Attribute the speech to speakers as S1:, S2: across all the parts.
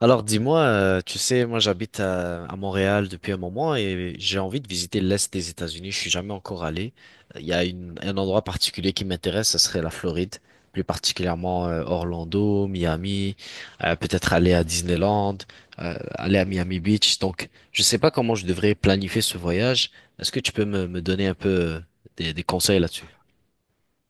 S1: Alors dis-moi, tu sais, moi j'habite à Montréal depuis un moment et j'ai envie de visiter l'Est des États-Unis. Je suis jamais encore allé. Il y a un endroit particulier qui m'intéresse, ce serait la Floride, plus particulièrement Orlando, Miami, peut-être aller à Disneyland, aller à Miami Beach. Donc je sais pas comment je devrais planifier ce voyage. Est-ce que tu peux me donner un peu des conseils là-dessus?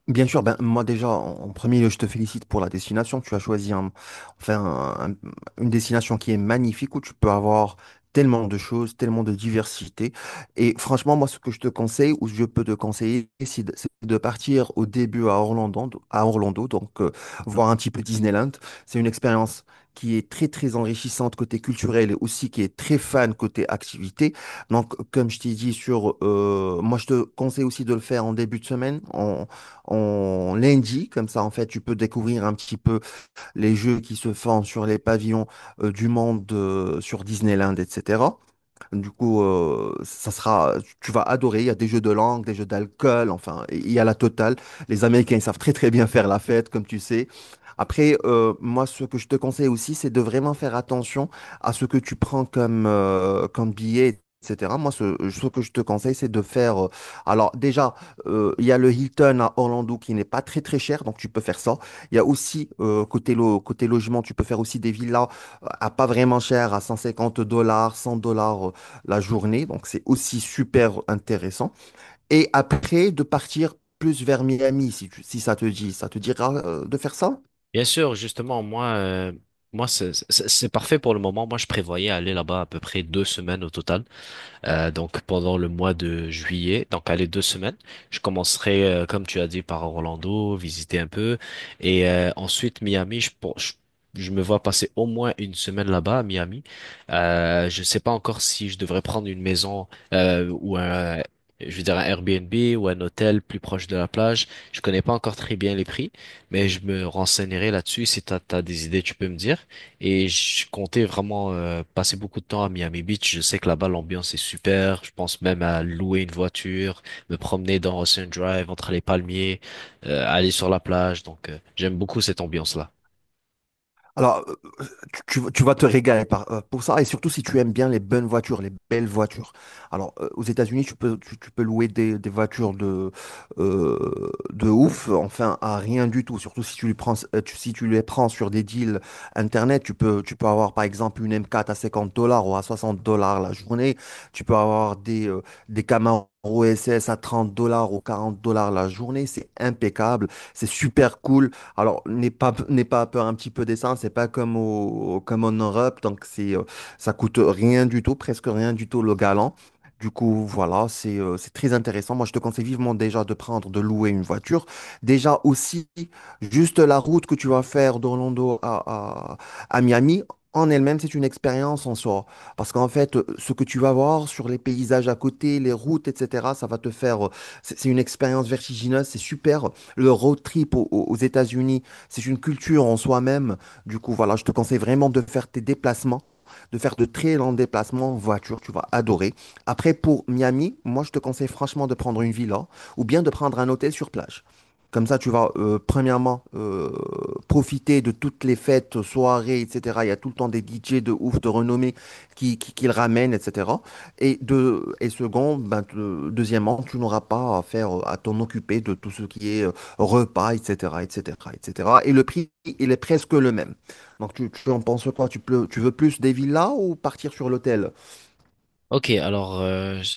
S2: Bien sûr, ben, moi déjà, en premier lieu, je te félicite pour la destination. Tu as choisi enfin, un- un- une destination qui est magnifique où tu peux avoir tellement de choses, tellement de diversité. Et franchement, moi, ce que je te conseille, ou je peux te conseiller, c'est de partir au début à Orlando, donc voir un petit peu Disneyland. C'est une expérience qui est très, très enrichissante côté culturel et aussi qui est très fan côté activité. Donc, comme je t'ai dit sur, moi, je te conseille aussi de le faire en début de semaine en lundi, comme ça en fait tu peux découvrir un petit peu les jeux qui se font sur les pavillons du monde sur Disneyland, etc. Du coup, ça sera, tu vas adorer. Il y a des jeux de langue, des jeux d'alcool, enfin, il y a la totale. Les Américains, ils savent très très bien faire la fête, comme tu sais. Après, moi, ce que je te conseille aussi, c'est de vraiment faire attention à ce que tu prends comme, comme billet, etc. Moi, ce que je te conseille, c'est de faire. Alors, déjà, il y a le Hilton à Orlando qui n'est pas très très cher, donc tu peux faire ça. Il y a aussi, côté, côté logement, tu peux faire aussi des villas à pas vraiment cher, à 150 dollars, 100 $ la journée, donc c'est aussi super intéressant. Et après, de partir plus vers Miami, si ça te dit. Ça te dira de faire ça?
S1: Bien sûr, justement, moi, moi c'est parfait pour le moment. Moi, je prévoyais aller là-bas à peu près deux semaines au total. Donc pendant le mois de juillet, donc allez deux semaines, je commencerai comme tu as dit par Orlando, visiter un peu, et ensuite Miami. Je me vois passer au moins une semaine là-bas à Miami. Je sais pas encore si je devrais prendre une maison ou un. Je veux dire un Airbnb ou un hôtel plus proche de la plage. Je connais pas encore très bien les prix, mais je me renseignerai là-dessus. Si t'as des idées, tu peux me dire. Et je comptais vraiment passer beaucoup de temps à Miami Beach. Je sais que là-bas, l'ambiance est super. Je pense même à louer une voiture, me promener dans Ocean Drive, entre les palmiers, aller sur la plage. Donc, j'aime beaucoup cette ambiance-là.
S2: Alors, tu vas te régaler pour ça, et surtout si tu aimes bien les bonnes voitures, les belles voitures. Alors, aux États-Unis, tu peux louer des voitures de ouf, enfin, à rien du tout. Surtout si tu les prends, tu- si tu les prends sur des deals internet, tu peux avoir par exemple une M4 à 50 $ ou à 60 $ la journée. Tu peux avoir des Camaro SS à 30 $ ou 40 $ la journée. C'est impeccable, c'est super cool. Alors, n'aie pas peur un petit peu des c'est pas comme en Europe, donc ça coûte rien du tout, presque rien du tout le galant. Du coup, voilà, c'est très intéressant. Moi, je te conseille vivement déjà de prendre, de louer une voiture. Déjà aussi, juste la route que tu vas faire d'Orlando à, à, à Miami, en elle-même, c'est une expérience en soi. Parce qu'en fait, ce que tu vas voir sur les paysages à côté, les routes, etc., ça va te faire. C'est une expérience vertigineuse, c'est super le road trip aux États-Unis, c'est une culture en soi-même. Du coup, voilà, je te conseille vraiment de faire tes déplacements, de faire de très longs déplacements en voiture, tu vas adorer. Après, pour Miami, moi, je te conseille franchement de prendre une villa ou bien de prendre un hôtel sur plage. Comme ça, tu vas, premièrement, profiter de toutes les fêtes, soirées, etc. Il y a tout le temps des DJ de ouf, de renommée qui le ramènent, etc. Et, et ben, deuxièmement, tu n'auras pas à t'en occuper de tout ce qui est repas, etc., etc., etc. Et cetera. Et le prix, il est presque le même. Donc, tu en penses quoi? Tu veux plus des villas ou partir sur l'hôtel?
S1: Ok, alors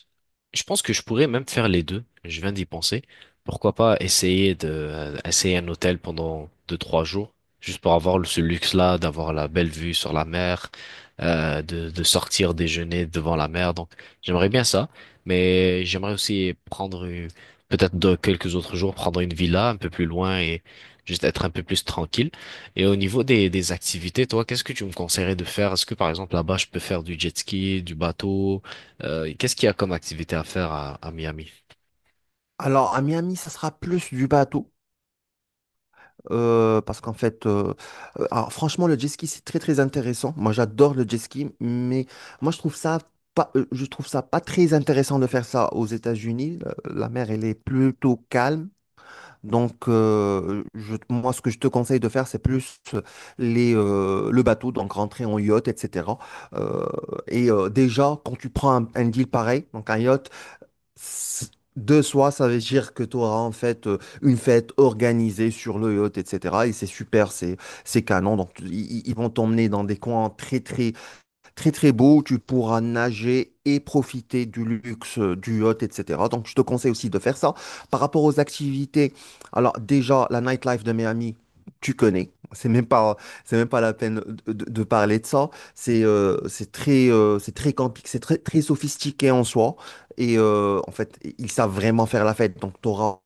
S1: je pense que je pourrais même faire les deux. Je viens d'y penser. Pourquoi pas essayer de essayer un hôtel pendant deux, trois jours, juste pour avoir ce luxe-là, d'avoir la belle vue sur la mer, de sortir déjeuner devant la mer. Donc j'aimerais bien ça, mais j'aimerais aussi peut-être de quelques autres jours, prendre une villa un peu plus loin et juste être un peu plus tranquille. Et au niveau des activités, toi, qu'est-ce que tu me conseillerais de faire? Est-ce que par exemple là-bas je peux faire du jet ski, du bateau? Qu'est-ce qu'il y a comme activité à faire à Miami?
S2: Alors, à Miami, ça sera plus du bateau, parce qu'en fait, alors, franchement, le jet ski, c'est très, très intéressant. Moi, j'adore le jet ski, mais moi, je trouve ça pas très intéressant de faire ça aux États-Unis. La mer, elle est plutôt calme. Donc, moi, ce que je te conseille de faire, c'est plus le bateau, donc rentrer en yacht, etc. Euh, et déjà, quand tu prends un deal pareil, donc un yacht, c- de soi, ça veut dire que tu auras en fait une fête organisée sur le yacht, etc. Et c'est super, c'est canon. Donc, ils vont t'emmener dans des coins très, très très très beau, tu pourras nager et profiter du luxe du yacht, etc. Donc je te conseille aussi de faire ça. Par rapport aux activités, alors déjà la nightlife de Miami, tu connais. c'est même pas, la peine de, de parler de ça. C'est très camping, c'est très, très sophistiqué en soi. Et en fait, ils savent vraiment faire la fête. Donc tu auras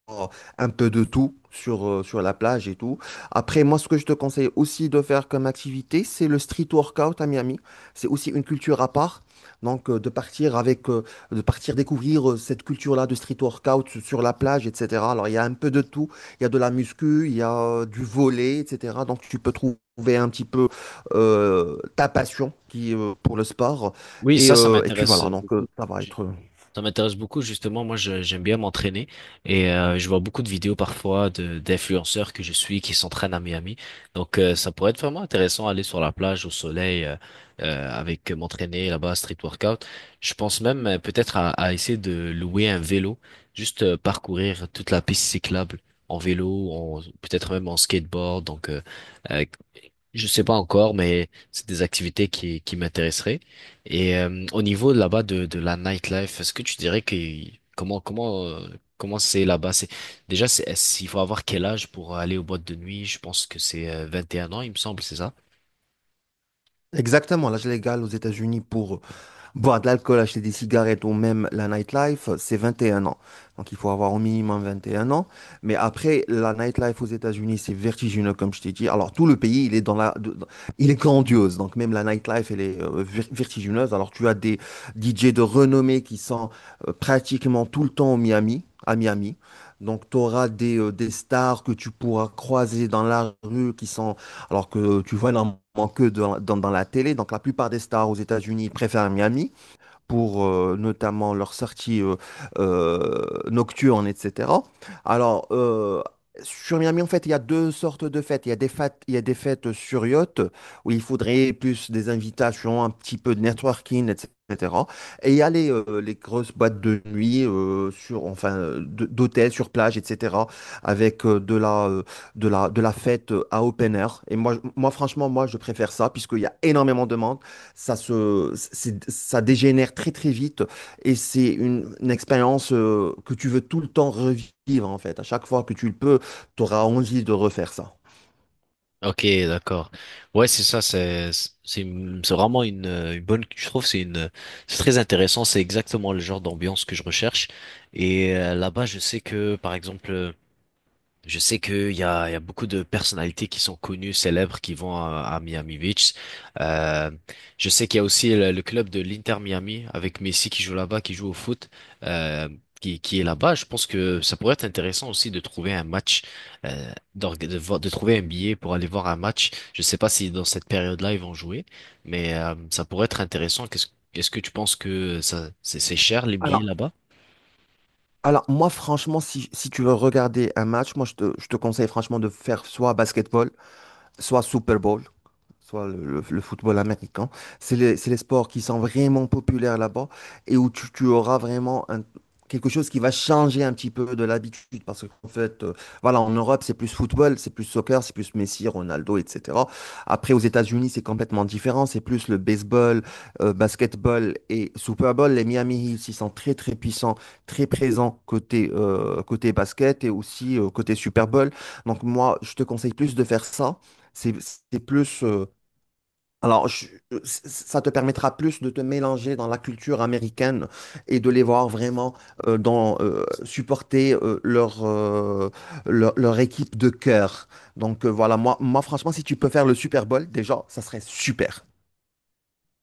S2: un peu de tout sur la plage et tout. Après, moi, ce que je te conseille aussi de faire comme activité, c'est le street workout à Miami. C'est aussi une culture à part. Donc, de partir avec, de partir découvrir cette culture-là de street workout sur la plage, etc. Alors, il y a un peu de tout. Il y a de la muscu, il y a du volley, etc. Donc, tu peux trouver un petit peu ta passion pour le sport.
S1: Oui,
S2: Et,
S1: ça
S2: et puis
S1: m'intéresse
S2: voilà, donc
S1: beaucoup.
S2: ça va
S1: Ju-
S2: être.
S1: Ça m'intéresse beaucoup, justement. Moi, j'aime bien m'entraîner et je vois beaucoup de vidéos parfois de d'influenceurs que je suis qui s'entraînent à Miami. Donc, ça pourrait être vraiment intéressant aller sur la plage au soleil avec m'entraîner là-bas, street workout. Je pense même peut-être à essayer de louer un vélo, juste parcourir toute la piste cyclable en vélo, peut-être même en skateboard. Donc, euh, je sais pas encore, mais c'est des activités qui m'intéresseraient. Et au niveau là-bas de la nightlife, est-ce que tu dirais que comment comment euh, comment c'est là-bas? C'est il faut avoir quel âge pour aller aux boîtes de nuit? Je pense que c'est 21 ans, il me semble, c'est ça?
S2: Exactement, l'âge légal aux États-Unis pour, boire de l'alcool, acheter des cigarettes ou même la nightlife, c'est 21 ans. Donc il faut avoir au minimum 21 ans. Mais après, la nightlife aux États-Unis, c'est vertigineux, comme je t'ai dit. Alors tout le pays, il est dans la, de- dans- il est grandiose. Donc même la nightlife, elle est vertigineuse. Alors tu as des DJ de renommée qui sont pratiquement tout le temps à Miami. Donc tu auras des stars que tu pourras croiser dans la rue qui sont alors que tu vois énormément que dans la télé. Donc la plupart des stars aux États-Unis préfèrent Miami pour notamment leurs sorties nocturnes, etc. Alors, sur Miami, en fait, il y a deux sortes de fêtes. Il y a des fêtes, il y a des fêtes sur yacht, où il faudrait plus des invitations, un petit peu de networking, etc. Et il y a les grosses boîtes de nuit, enfin, d'hôtels, sur plage, etc., avec de la fête à open air. Et moi, moi, franchement, moi, je préfère ça, puisqu'il y a énormément de monde. Ça dégénère très très vite et c'est une expérience que tu veux tout le temps revivre en fait. À chaque fois que tu le peux, tu auras envie de refaire ça.
S1: Ok, d'accord. Ouais, c'est ça. C'est vraiment une bonne. Je trouve c'est très intéressant. C'est exactement le genre d'ambiance que je recherche. Et là-bas, je sais que par exemple. Je sais qu'il y a, il y a beaucoup de personnalités qui sont connues, célèbres, qui vont à Miami Beach. Euh, je sais qu'il y a aussi le club de l'Inter Miami avec Messi qui joue là-bas, qui joue au foot, euh, qui est là-bas. Je pense que ça pourrait être intéressant aussi de trouver un match, de trouver un billet pour aller voir un match. Je sais pas si dans cette période-là ils vont jouer, mais ça pourrait être intéressant. Est-ce que tu penses que ça, c'est cher les billets
S2: Alors,
S1: là-bas?
S2: alors moi franchement, si tu veux regarder un match, moi je te conseille franchement de faire soit basketball, soit Super Bowl, soit le football américain. C'est les sports qui sont vraiment populaires là-bas et où tu auras vraiment quelque chose qui va changer un petit peu de l'habitude. Parce qu'en fait, voilà, en Europe, c'est plus football, c'est plus soccer, c'est plus Messi, Ronaldo, etc. Après, aux États-Unis, c'est complètement différent. C'est plus le baseball, basketball et Super Bowl. Les Miami Heat, ils sont très, très puissants, très présents côté basket et aussi côté Super Bowl. Donc moi, je te conseille plus de faire ça. C'est c'est plus. Alors, ça te permettra plus de te mélanger dans la culture américaine et de les voir vraiment supporter leur équipe de cœur. Donc voilà, moi franchement, si tu peux faire le Super Bowl, déjà, ça serait super.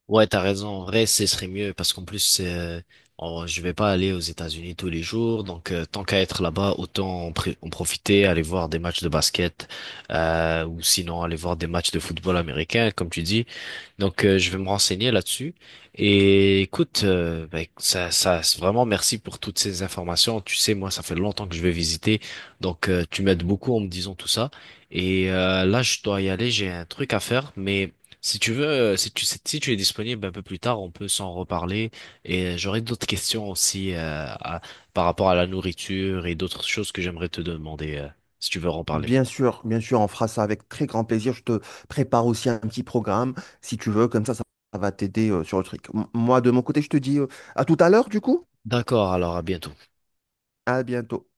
S1: Ouais, t'as raison. En vrai, ce serait mieux parce qu'en plus, je vais pas aller aux États-Unis tous les jours. Donc, tant qu'à être là-bas, autant en profiter, aller voir des matchs de basket, ou sinon aller voir des matchs de football américain, comme tu dis. Donc, je vais me renseigner là-dessus. Et écoute, c'est vraiment merci pour toutes ces informations. Tu sais, moi, ça fait longtemps que je vais visiter, donc tu m'aides beaucoup en me disant tout ça. Et là, je dois y aller, j'ai un truc à faire. Mais si tu veux, si tu es disponible un peu plus tard, on peut s'en reparler. Et j'aurai d'autres questions aussi par rapport à la nourriture et d'autres choses que j'aimerais te demander si tu veux en parler.
S2: Bien sûr, on fera ça avec très grand plaisir. Je te prépare aussi un petit programme, si tu veux, comme ça va t'aider sur le truc. Moi, de mon côté, je te dis à tout à l'heure, du coup.
S1: D'accord, alors à bientôt.
S2: À bientôt.